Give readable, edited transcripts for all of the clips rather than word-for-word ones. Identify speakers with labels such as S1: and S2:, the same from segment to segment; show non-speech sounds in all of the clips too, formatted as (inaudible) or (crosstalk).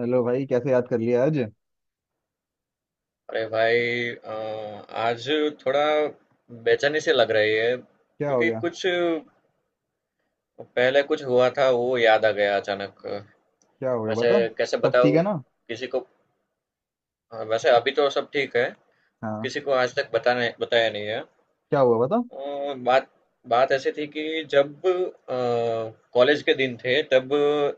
S1: Hello भाई, कैसे याद कर लिया आज।
S2: अरे भाई आज थोड़ा बेचैनी से लग रही है
S1: क्या हो
S2: क्योंकि
S1: गया?
S2: कुछ पहले कुछ हुआ था वो याद आ गया अचानक।
S1: क्या हो गया
S2: वैसे
S1: बता।
S2: कैसे
S1: सब ठीक
S2: बताऊँ
S1: है ना?
S2: किसी को। हाँ, वैसे अभी तो सब ठीक है।
S1: हाँ।
S2: किसी को आज तक बताने बताया नहीं है।
S1: क्या हुआ बता।
S2: बात बात ऐसी थी कि जब कॉलेज के दिन थे तब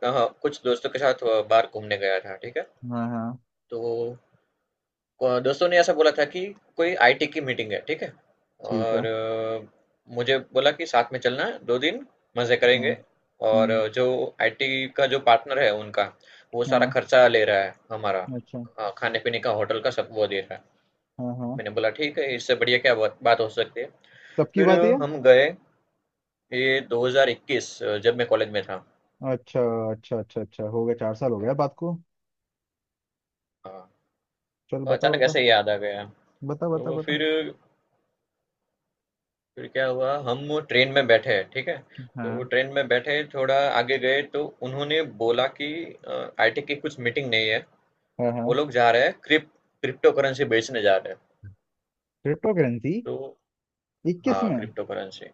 S2: कुछ दोस्तों के साथ बाहर घूमने गया था, ठीक है।
S1: हाँ हाँ।
S2: तो दोस्तों ने ऐसा बोला था कि कोई आईटी की मीटिंग है, ठीक है।
S1: ठीक
S2: और
S1: है।
S2: मुझे बोला कि साथ में चलना, दो दिन मजे
S1: हाँ।
S2: करेंगे। और
S1: हम्म।
S2: जो आईटी का जो पार्टनर है उनका, वो सारा
S1: हाँ।
S2: खर्चा ले रहा है हमारा।
S1: अच्छा।
S2: खाने पीने का होटल का सब वो दे रहा है।
S1: हाँ हाँ।
S2: मैंने बोला ठीक है, इससे बढ़िया क्या बात बात हो सकती है।
S1: कब की
S2: फिर
S1: बात है ये?
S2: हम गए। ये 2021 जब मैं कॉलेज में था।
S1: अच्छा। अच्छा अच्छा अच्छा, हो गया 4 साल हो गया बात को।
S2: हाँ।
S1: चल
S2: तो
S1: बता
S2: अचानक
S1: बता।
S2: ऐसे ही याद आ गया।
S1: बता बता
S2: तो
S1: बता।
S2: फिर फिर क्या हुआ, हम वो ट्रेन में बैठे हैं ठीक है। तो
S1: हाँ
S2: ट्रेन में बैठे थोड़ा आगे गए तो उन्होंने बोला कि आईटी की कुछ मीटिंग नहीं है।
S1: हाँ।
S2: वो
S1: हाँ।
S2: लोग जा रहे हैं क्रिप्टो करेंसी बेचने जा रहे हैं।
S1: Crypto currency.
S2: तो
S1: इक्कीस
S2: हाँ,
S1: में।
S2: Crypto currency.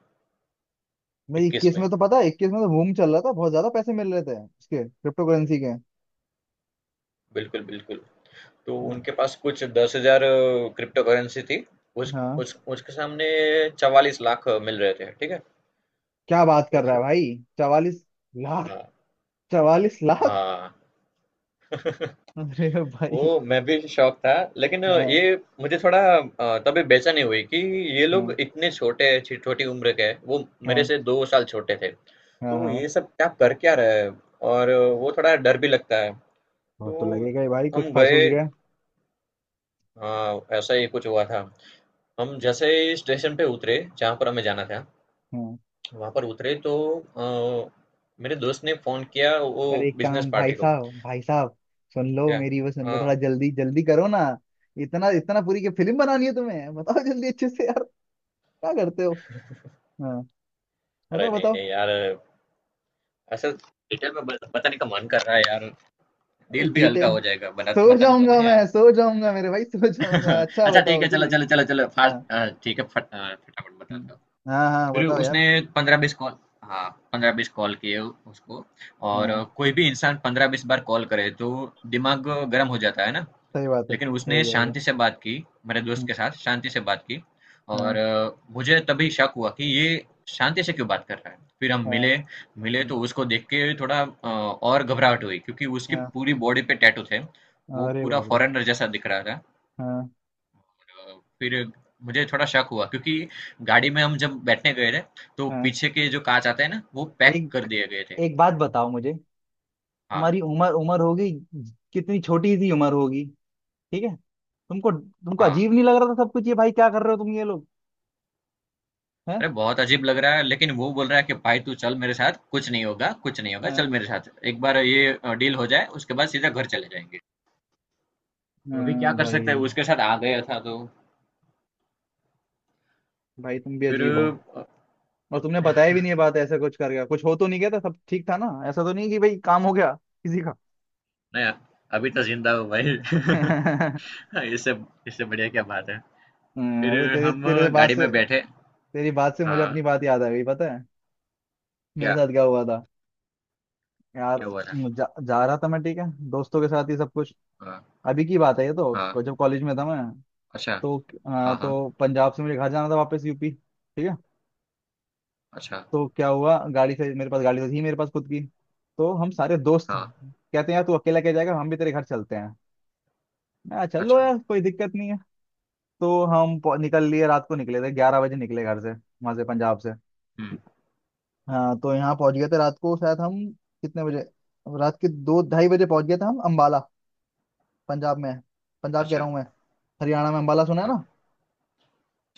S1: भाई
S2: इक्कीस
S1: इक्कीस
S2: में।
S1: में तो पता है, इक्कीस में तो बूम चल रहा था, बहुत ज्यादा पैसे मिल रहे थे इसके, क्रिप्टो करेंसी के।
S2: बिल्कुल बिल्कुल। तो उनके पास कुछ 10 हजार क्रिप्टो करेंसी थी।
S1: हाँ।
S2: उस उसके सामने 44 लाख मिल रहे थे, ठीक है।
S1: क्या बात
S2: तो
S1: कर रहा है भाई, 44 लाख।
S2: हाँ
S1: 44 लाख?
S2: हाँ। (laughs)
S1: अरे भाई।
S2: ओ मैं भी शौक था लेकिन ये
S1: हाँ।
S2: मुझे थोड़ा, तभी बेचैनी हुई कि ये
S1: हाँ।
S2: लोग इतने छोटे छोटी उम्र के हैं। वो मेरे
S1: हाँ
S2: से 2 साल छोटे थे।
S1: हाँ।
S2: तो
S1: हाँ।
S2: ये सब क्या रहे हैं। और वो थोड़ा डर भी लगता है।
S1: वो तो
S2: तो
S1: लगेगा ही भाई, कुछ
S2: हम
S1: फंसूस
S2: गए।
S1: गया।
S2: हाँ ऐसा ही कुछ हुआ था। हम जैसे ही स्टेशन पे उतरे, जहाँ पर हमें जाना था,
S1: हाँ।
S2: वहाँ पर उतरे तो मेरे दोस्त ने फोन किया वो
S1: यार एक
S2: बिजनेस
S1: काम, भाई
S2: पार्टी को।
S1: साहब भाई साहब, सुन लो
S2: क्या।
S1: मेरी वो, सुन लो,
S2: हाँ।
S1: थोड़ा जल्दी जल्दी करो ना। इतना इतना पूरी की फिल्म बनानी है तुम्हें? बताओ जल्दी अच्छे से यार। क्या करते हो। हाँ,
S2: अरे
S1: बताओ
S2: नहीं
S1: बताओ।
S2: नहीं यार, ऐसा डिटेल में बताने का मन कर रहा है यार।
S1: अरे
S2: दिल भी हल्का
S1: डिटेल।
S2: हो जाएगा, बना
S1: सो
S2: बताने दो
S1: जाऊंगा
S2: ना
S1: मैं,
S2: यार।
S1: सो जाऊंगा मेरे भाई, सो जाऊंगा।
S2: (laughs)
S1: अच्छा
S2: अच्छा ठीक
S1: बताओ
S2: है, चलो
S1: जल्दी।
S2: चलो चलो चलो
S1: हाँ।
S2: फास्ट। ठीक है, फटाफट बता
S1: हम्म।
S2: दो।
S1: हाँ हाँ
S2: फिर
S1: बताओ यार।
S2: उसने 15-20 कॉल, हाँ 15-20 कॉल किए उसको। और
S1: हाँ।
S2: कोई भी इंसान 15-20 बार कॉल करे तो दिमाग गर्म हो जाता है ना।
S1: सही बात है।
S2: लेकिन
S1: हो
S2: उसने
S1: जाएगा।
S2: शांति से बात की, मेरे
S1: हम्म।
S2: दोस्त के साथ शांति से बात की। और
S1: हाँ।
S2: मुझे तभी शक हुआ कि ये शांति से क्यों बात कर रहा है। फिर हम
S1: हाँ।
S2: मिले, मिले
S1: हम्म।
S2: तो उसको देख के थोड़ा और घबराहट हुई क्योंकि उसकी
S1: हाँ।
S2: पूरी बॉडी पे टैटू थे। वो
S1: अरे
S2: पूरा
S1: बाप रे।
S2: फॉरेनर जैसा दिख रहा था।
S1: हाँ।
S2: फिर मुझे थोड़ा शक हुआ क्योंकि गाड़ी में हम जब बैठने गए थे, तो
S1: हाँ।
S2: पीछे के जो कांच आते हैं ना वो पैक कर
S1: एक,
S2: दिए गए थे।
S1: एक बात बताओ मुझे।
S2: हाँ,
S1: तुम्हारी उम्र उम्र होगी, कितनी छोटी सी उम्र होगी। ठीक है। तुमको तुमको अजीब
S2: हाँ।
S1: नहीं लग रहा था सब कुछ? ये भाई क्या कर रहे हो तुम ये लोग? हैं?
S2: अरे बहुत अजीब लग रहा है लेकिन वो बोल रहा है कि भाई तू चल मेरे साथ, कुछ नहीं होगा कुछ नहीं होगा, चल
S1: हाँ।
S2: मेरे साथ, एक बार ये डील हो जाए उसके बाद सीधा घर चले जाएंगे। तो अभी
S1: हाँ
S2: क्या कर सकते
S1: भाई।
S2: हैं, उसके साथ आ गया था तो।
S1: भाई तुम भी
S2: फिर
S1: अजीब हो। और तुमने बताया भी नहीं ये बात? ऐसा कुछ कर गया, कुछ हो तो नहीं गया था? सब ठीक था ना? ऐसा तो नहीं कि भाई काम हो गया किसी का।
S2: नया, अभी तो जिंदा हूँ भाई।
S1: (laughs)
S2: (laughs) इससे इससे बढ़िया क्या बात है।
S1: हाँ, अरे
S2: फिर
S1: तेरे
S2: हम
S1: तेरे बात
S2: गाड़ी
S1: से
S2: में बैठे।
S1: तेरी बात से मुझे अपनी
S2: हाँ।
S1: बात याद आ गई पता है। मेरे
S2: क्या
S1: साथ क्या हुआ था यार।
S2: क्या हुआ था।
S1: जा रहा था मैं, ठीक है, दोस्तों के साथ ही सब कुछ।
S2: हाँ
S1: अभी की बात है ये तो,
S2: हाँ।
S1: जब कॉलेज में था मैं।
S2: अच्छा।
S1: तो
S2: हाँ हाँ।
S1: तो पंजाब से मुझे घर जाना था वापस, UP, ठीक है।
S2: अच्छा।
S1: तो क्या हुआ, गाड़ी से, मेरे पास गाड़ी तो थी मेरे पास खुद की। तो हम सारे दोस्त
S2: हाँ।
S1: कहते हैं यार तू अकेला क्या जाएगा, हम भी तेरे घर चलते हैं। मैं कहा, चलो
S2: अच्छा।
S1: यार कोई दिक्कत नहीं है। तो हम निकल लिए, रात को निकले थे, 11 बजे निकले घर से, वहां से पंजाब से।
S2: हम्म।
S1: हाँ तो यहाँ पहुंच गए थे रात को शायद हम। कितने बजे? रात के दो ढाई बजे पहुंच गए थे हम, अम्बाला। पंजाब में, पंजाब कह रहा
S2: अच्छा।
S1: हूँ मैं, हरियाणा में अम्बाला, सुना है ना?
S2: हाँ।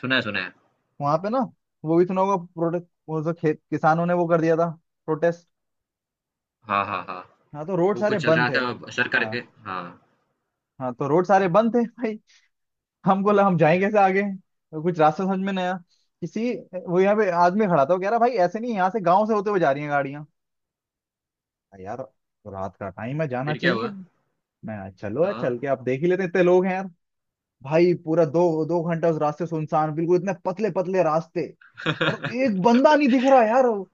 S2: सुना है सुना है।
S1: वहां पे ना, वो भी सुना होगा, प्रोटेस्ट, वो जो खेत किसानों ने वो कर दिया था, प्रोटेस्ट।
S2: हाँ हाँ हाँ।
S1: हाँ तो रोड
S2: वो
S1: सारे
S2: कुछ चल रहा
S1: बंद थे।
S2: था सर करके।
S1: हाँ।
S2: हाँ।
S1: हाँ तो रोड सारे बंद थे भाई। हमको लगा हम जाएं कैसे आगे, तो कुछ रास्ता समझ में नहीं आया। किसी, वो यहाँ पे आदमी खड़ा था, वो कह रहा भाई ऐसे नहीं, यहाँ से गांव से होते हुए जा रही हैं गाड़ियां। यार रात का टाइम है, जाना
S2: फिर क्या
S1: चाहिए।
S2: हुआ।
S1: मैं चलो यार,
S2: हाँ।
S1: चल के आप देख ही लेते हैं, इतने लोग हैं यार। भाई पूरा दो दो घंटा उस रास्ते सुनसान, बिल्कुल इतने पतले पतले रास्ते,
S2: (laughs)
S1: और एक बंदा नहीं दिख रहा यार वो।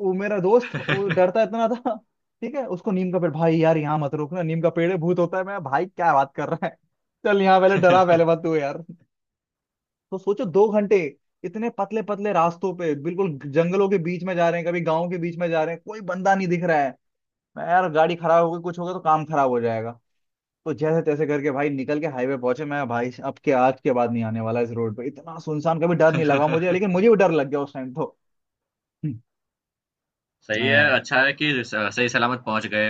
S1: वो मेरा दोस्त वो डरता इतना था, ठीक है, उसको नीम का पेड़ भाई, यार यहाँ मत रुकना नीम का पेड़ है, भूत होता है। मैं भाई क्या बात कर रहा है, चल यहाँ पहले डरा, पहले मत तू यार। तो सोचो 2 घंटे, इतने पतले पतले रास्तों पे, बिल्कुल जंगलों के बीच में जा रहे हैं, कभी गांव के बीच में जा रहे हैं, कोई बंदा नहीं दिख रहा है। मैं यार गाड़ी खराब हो गई कुछ हो गया तो काम खराब हो जाएगा। तो जैसे तैसे करके भाई निकल के हाईवे पहुंचे। मैं भाई अब के, आज के बाद नहीं आने वाला इस रोड पे, इतना सुनसान कभी डर नहीं लगा मुझे, लेकिन मुझे भी डर लग गया उस टाइम तो। हम्म।
S2: सही है,
S1: हाँ,
S2: अच्छा है कि सही सलामत पहुंच गए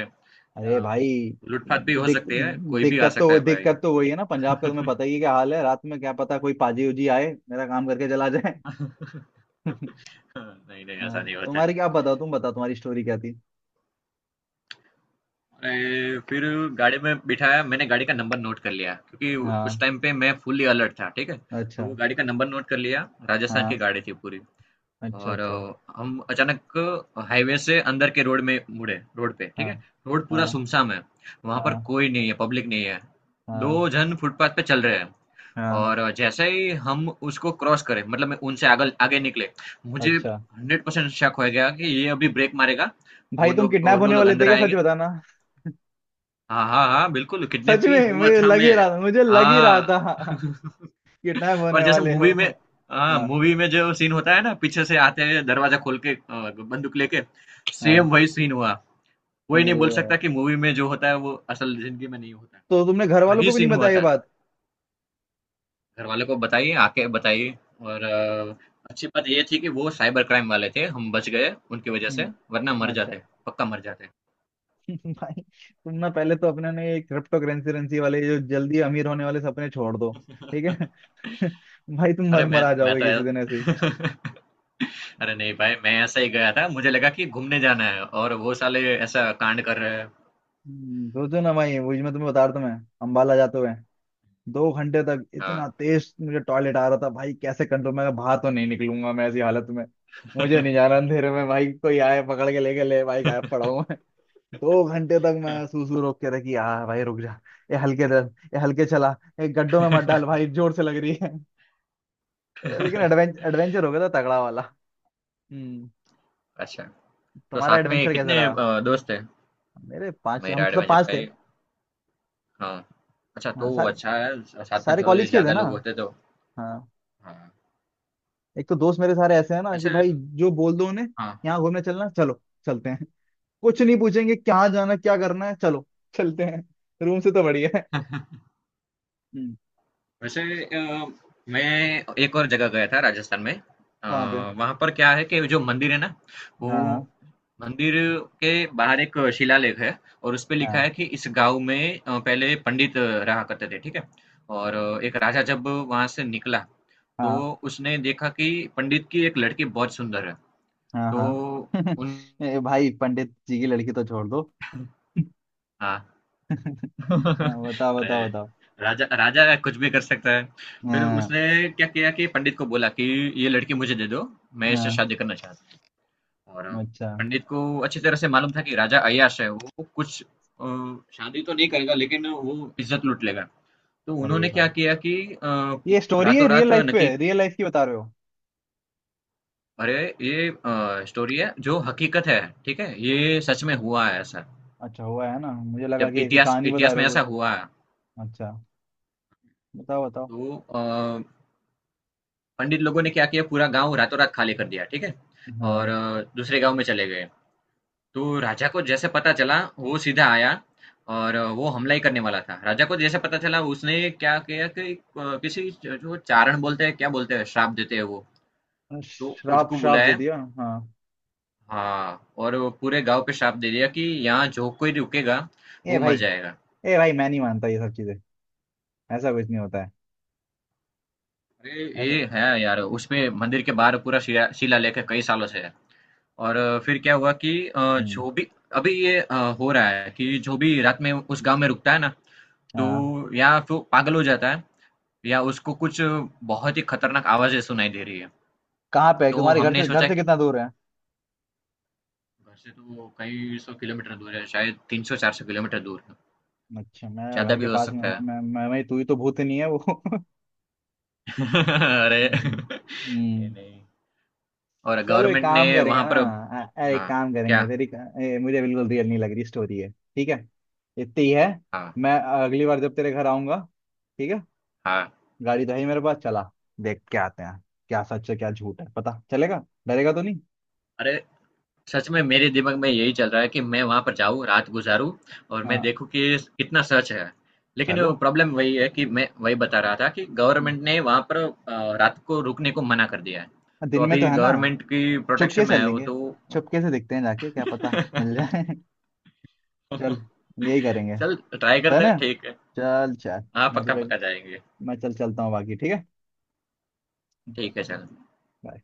S1: अरे
S2: यहाँ।
S1: भाई,
S2: लूटपाट भी हो
S1: दिक,
S2: सकती है, कोई भी आ
S1: दिक्कत
S2: सकता
S1: तो,
S2: है भाई।
S1: दिक्कत तो वही है ना, पंजाब का तुम्हें पता ही है क्या हाल है, रात में क्या पता कोई पाजी उजी आए, मेरा काम करके चला जाए।
S2: (laughs)
S1: (laughs)
S2: नहीं नहीं ऐसा
S1: हाँ,
S2: नहीं होता
S1: तुम्हारी
S2: है।
S1: क्या, आप बताओ, तुम बताओ, तुम्हारी स्टोरी क्या थी।
S2: अरे, फिर गाड़ी में बिठाया, मैंने गाड़ी का नंबर नोट कर लिया क्योंकि उस
S1: हाँ।
S2: टाइम पे मैं फुल्ली अलर्ट था, ठीक है। तो
S1: अच्छा।
S2: वो गाड़ी का नंबर नोट कर लिया, राजस्थान की
S1: हाँ।
S2: गाड़ी थी पूरी।
S1: अच्छा
S2: और
S1: अच्छा।
S2: हम अचानक हाईवे से अंदर के रोड में मुड़े, रोड पे ठीक
S1: हाँ।
S2: है। रोड पूरा
S1: हाँ।
S2: सुमसाम है, वहां पर
S1: हाँ।
S2: कोई नहीं है, पब्लिक नहीं है।
S1: हाँ।
S2: दो जन फुटपाथ पे चल रहे हैं।
S1: हाँ।
S2: और जैसे ही हम उसको क्रॉस करें, मतलब मैं उनसे आगे आगे निकले, मुझे
S1: अच्छा,
S2: 100% शक हो गया कि ये अभी ब्रेक मारेगा।
S1: भाई
S2: वो
S1: तुम
S2: दो वो
S1: किडनैप
S2: दो
S1: होने
S2: लोग
S1: वाले थे
S2: अंदर
S1: क्या? सच
S2: आएंगे।
S1: बताना।
S2: हाँ हाँ हाँ बिल्कुल
S1: सच
S2: किडनैप ही
S1: में
S2: हुआ
S1: मुझे
S2: था
S1: लग
S2: मैं।
S1: ही रहा था, मुझे लग ही रहा था।
S2: हाँ
S1: (laughs)
S2: (laughs)
S1: किडनैप
S2: और
S1: होने
S2: जैसे
S1: वाले हो।
S2: मूवी में, हाँ
S1: हाँ।
S2: मूवी में जो सीन होता है ना, पीछे से आते हैं दरवाजा खोल के बंदूक लेके,
S1: हाँ।
S2: सेम वही सीन हुआ। कोई नहीं
S1: अरे
S2: बोल सकता
S1: यार,
S2: कि मूवी में जो होता है वो असल जिंदगी में नहीं होता।
S1: तो तुमने घर वालों
S2: वही
S1: को भी नहीं
S2: सीन हुआ
S1: बताया ये
S2: था।
S1: बात?
S2: घर वालों को बताइए आके बताइए। और अच्छी बात ये थी कि वो साइबर क्राइम वाले थे, हम बच गए उनकी वजह से। वरना
S1: हम्म।
S2: मर
S1: अच्छा।
S2: जाते, पक्का मर जाते।
S1: (laughs) भाई तुम ना, पहले तो अपने ने ये क्रिप्टो करेंसी वाले जो जल्दी अमीर होने वाले सपने छोड़ दो। ठीक है।
S2: (laughs)
S1: (laughs) भाई तुम
S2: अरे
S1: मर मर
S2: मैं
S1: आ
S2: मैं
S1: जाओगे
S2: तो
S1: किसी दिन ऐसे ही।
S2: (laughs) अरे नहीं भाई मैं ऐसा ही गया था, मुझे लगा कि घूमने जाना है और वो साले ऐसा कांड कर रहे हैं।
S1: सोचो ना भाई, वही मैं तुम्हें बता रहा था। मैं अंबाला जाते हुए, 2 घंटे तक इतना
S2: हाँ।
S1: तेज मुझे टॉयलेट आ रहा था भाई, कैसे कंट्रोल। मैं कहा, बाहर तो नहीं निकलूंगा मैं ऐसी हालत में, मुझे नहीं जाना अंधेरे में, भाई कोई आए पकड़ के लेके ले, भाई गायब पड़ा हूं मैं। 2 घंटे तक मैं सूसू रोक के रखी, यार भाई रुक जा, ये हल्के दर, ये हल्के चला, ये गड्ढों में मत डाल भाई, जोर से लग रही है। लेकिन एडवेंचर एडवेंचर हो गया था, तगड़ा वाला। हम्म।
S2: अच्छा, तो
S1: तुम्हारा
S2: साथ में
S1: एडवेंचर कैसा
S2: कितने
S1: रहा।
S2: दोस्त हैं?
S1: मेरे 5, हम
S2: मेरा
S1: सब
S2: एडवेंचर
S1: 5
S2: का
S1: थे।
S2: ये। हाँ, अच्छा
S1: हाँ,
S2: तो वो
S1: सारे,
S2: अच्छा है, साथ में
S1: सारे
S2: थोड़े
S1: कॉलेज के थे
S2: ज़्यादा
S1: ना।
S2: लोग होते तो।
S1: हाँ,
S2: हाँ,
S1: एक तो दोस्त मेरे सारे ऐसे हैं ना कि
S2: वैसे।
S1: भाई, जो बोल दो उन्हें,
S2: हाँ,
S1: यहाँ घूमने चलना, चलो चलते हैं। कुछ नहीं पूछेंगे, कहाँ जाना क्या करना है, चलो चलते हैं, रूम से तो बढ़िया है। हम्म,
S2: वैसे मैं एक और जगह गया था राजस्थान में। आ,
S1: कहाँ पे?
S2: वहाँ पर क्या है कि जो मंदिर है ना, वो
S1: हाँ।
S2: मंदिर के बाहर एक शिलालेख है। और उस पे लिखा
S1: हाँ।
S2: है कि इस गांव में पहले पंडित रहा करते थे, ठीक है। और एक राजा जब वहां से निकला, तो
S1: हाँ।
S2: उसने देखा कि पंडित की एक लड़की बहुत सुंदर है।
S1: हाँ।
S2: तो
S1: हाँ। (laughs)
S2: उन,
S1: ए, भाई पंडित जी की लड़की तो छोड़ दो। (laughs)
S2: हाँ (laughs)
S1: हाँ, बताओ
S2: अरे,
S1: बताओ बताओ।
S2: राजा राजा कुछ भी कर सकता है। फिर
S1: हाँ।
S2: उसने क्या किया कि पंडित को बोला कि ये लड़की मुझे दे दो, मैं इससे
S1: हाँ।
S2: शादी करना चाहता हूँ। और
S1: अच्छा।
S2: पंडित को अच्छी तरह से मालूम था कि राजा अय्याश है, वो कुछ शादी तो नहीं करेगा लेकिन वो इज्जत लूट लेगा। तो
S1: अरे
S2: उन्होंने क्या
S1: वाह,
S2: किया कि
S1: ये स्टोरी है
S2: रातों
S1: रियल
S2: रात
S1: लाइफ पे,
S2: नक्की,
S1: रियल लाइफ की बता रहे हो?
S2: अरे ये स्टोरी है जो हकीकत है, ठीक है, ये सच में हुआ है ऐसा।
S1: अच्छा हुआ है ना, मुझे लगा
S2: जब
S1: कि ऐसी
S2: इतिहास
S1: कहानी बता
S2: इतिहास
S1: रहे
S2: में
S1: हो कोई।
S2: ऐसा हुआ है।
S1: अच्छा बताओ बताओ।
S2: तो पंडित लोगों ने क्या किया, पूरा गाँव रातों रात खाली कर दिया, ठीक है? और
S1: हाँ।
S2: दूसरे गाँव में चले गए। तो राजा को जैसे पता चला वो सीधा आया और वो हमला ही करने वाला था। राजा को जैसे पता चला उसने क्या किया कि किसी जो चारण बोलते हैं क्या बोलते हैं, श्राप देते हैं वो, तो
S1: श्राप,
S2: उसको
S1: श्राप दे
S2: बुलाया।
S1: दिया, हाँ।
S2: हाँ और वो पूरे गांव पे श्राप दे दिया कि यहाँ जो कोई रुकेगा
S1: ए
S2: वो
S1: भाई,
S2: मर जाएगा।
S1: ए भाई मैं नहीं मानता ये सब चीजें, ऐसा कुछ नहीं होता है।
S2: अरे
S1: ऐसा।
S2: ये है यार, उसमें मंदिर के बाहर पूरा शिलालेख है, कई सालों से है। और फिर क्या हुआ कि
S1: हम्म।
S2: जो भी अभी ये हो रहा है कि जो भी रात में उस गांव में रुकता है ना, तो
S1: हाँ।
S2: या तो पागल हो जाता है, या उसको कुछ बहुत ही खतरनाक आवाजें सुनाई दे रही है।
S1: कहाँ पे है?
S2: तो
S1: तुम्हारे घर
S2: हमने
S1: से, घर
S2: सोचा
S1: से
S2: कि
S1: कितना दूर है?
S2: घर से तो कई सौ किलोमीटर दूर है, शायद 300-400 किलोमीटर दूर है,
S1: अच्छा, मैं
S2: ज्यादा
S1: घर
S2: भी
S1: के
S2: हो
S1: पास में,
S2: सकता
S1: मैं
S2: है।
S1: मैं मैं, मैं तू ही तो भूत नहीं है वो। (laughs)
S2: (laughs) अरे
S1: हम्म।
S2: ये
S1: हम्म।
S2: नहीं। और
S1: चलो एक
S2: गवर्नमेंट ने
S1: काम करेंगे
S2: वहां
S1: ना,
S2: पर,
S1: अरे एक
S2: हाँ।
S1: काम करेंगे
S2: क्या।
S1: तेरी। ए, मुझे बिल्कुल रियल नहीं लग रही स्टोरी है, ठीक है, इतनी ही है।
S2: हाँ
S1: मैं, अगली बार जब तेरे घर आऊंगा, ठीक है,
S2: हाँ।
S1: गाड़ी तो है ही मेरे पास, चला देख के आते हैं, क्या सच है क्या झूठ है पता चलेगा, डरेगा तो नहीं।
S2: अरे सच में मेरे दिमाग में यही चल रहा है कि मैं वहाँ पर जाऊँ, रात गुज़ारूँ और मैं
S1: हाँ।
S2: देखूँ कि कितना सर्च है। लेकिन
S1: चलो।
S2: प्रॉब्लम वही है कि मैं वही बता रहा था कि
S1: हम्म।
S2: गवर्नमेंट ने वहाँ पर रात को रुकने को मना कर दिया है। तो
S1: दिन में तो
S2: अभी
S1: है ना?
S2: गवर्नमेंट की प्रोटेक्शन
S1: चुपके
S2: में
S1: से
S2: है वो
S1: लेंगे,
S2: तो।
S1: चुपके से देखते हैं जाके, क्या पता मिल जाए। (laughs)
S2: (laughs)
S1: चल, यही करेंगे।
S2: चल ट्राई करते
S1: डन
S2: हैं,
S1: है।
S2: ठीक है।
S1: चल चल।
S2: हाँ,
S1: मैं
S2: पक्का
S1: तो,
S2: पक्का जाएँगे।
S1: मैं चल चलता हूँ बाकी ठीक है। चल,
S2: ठीक है, चल।
S1: Bye.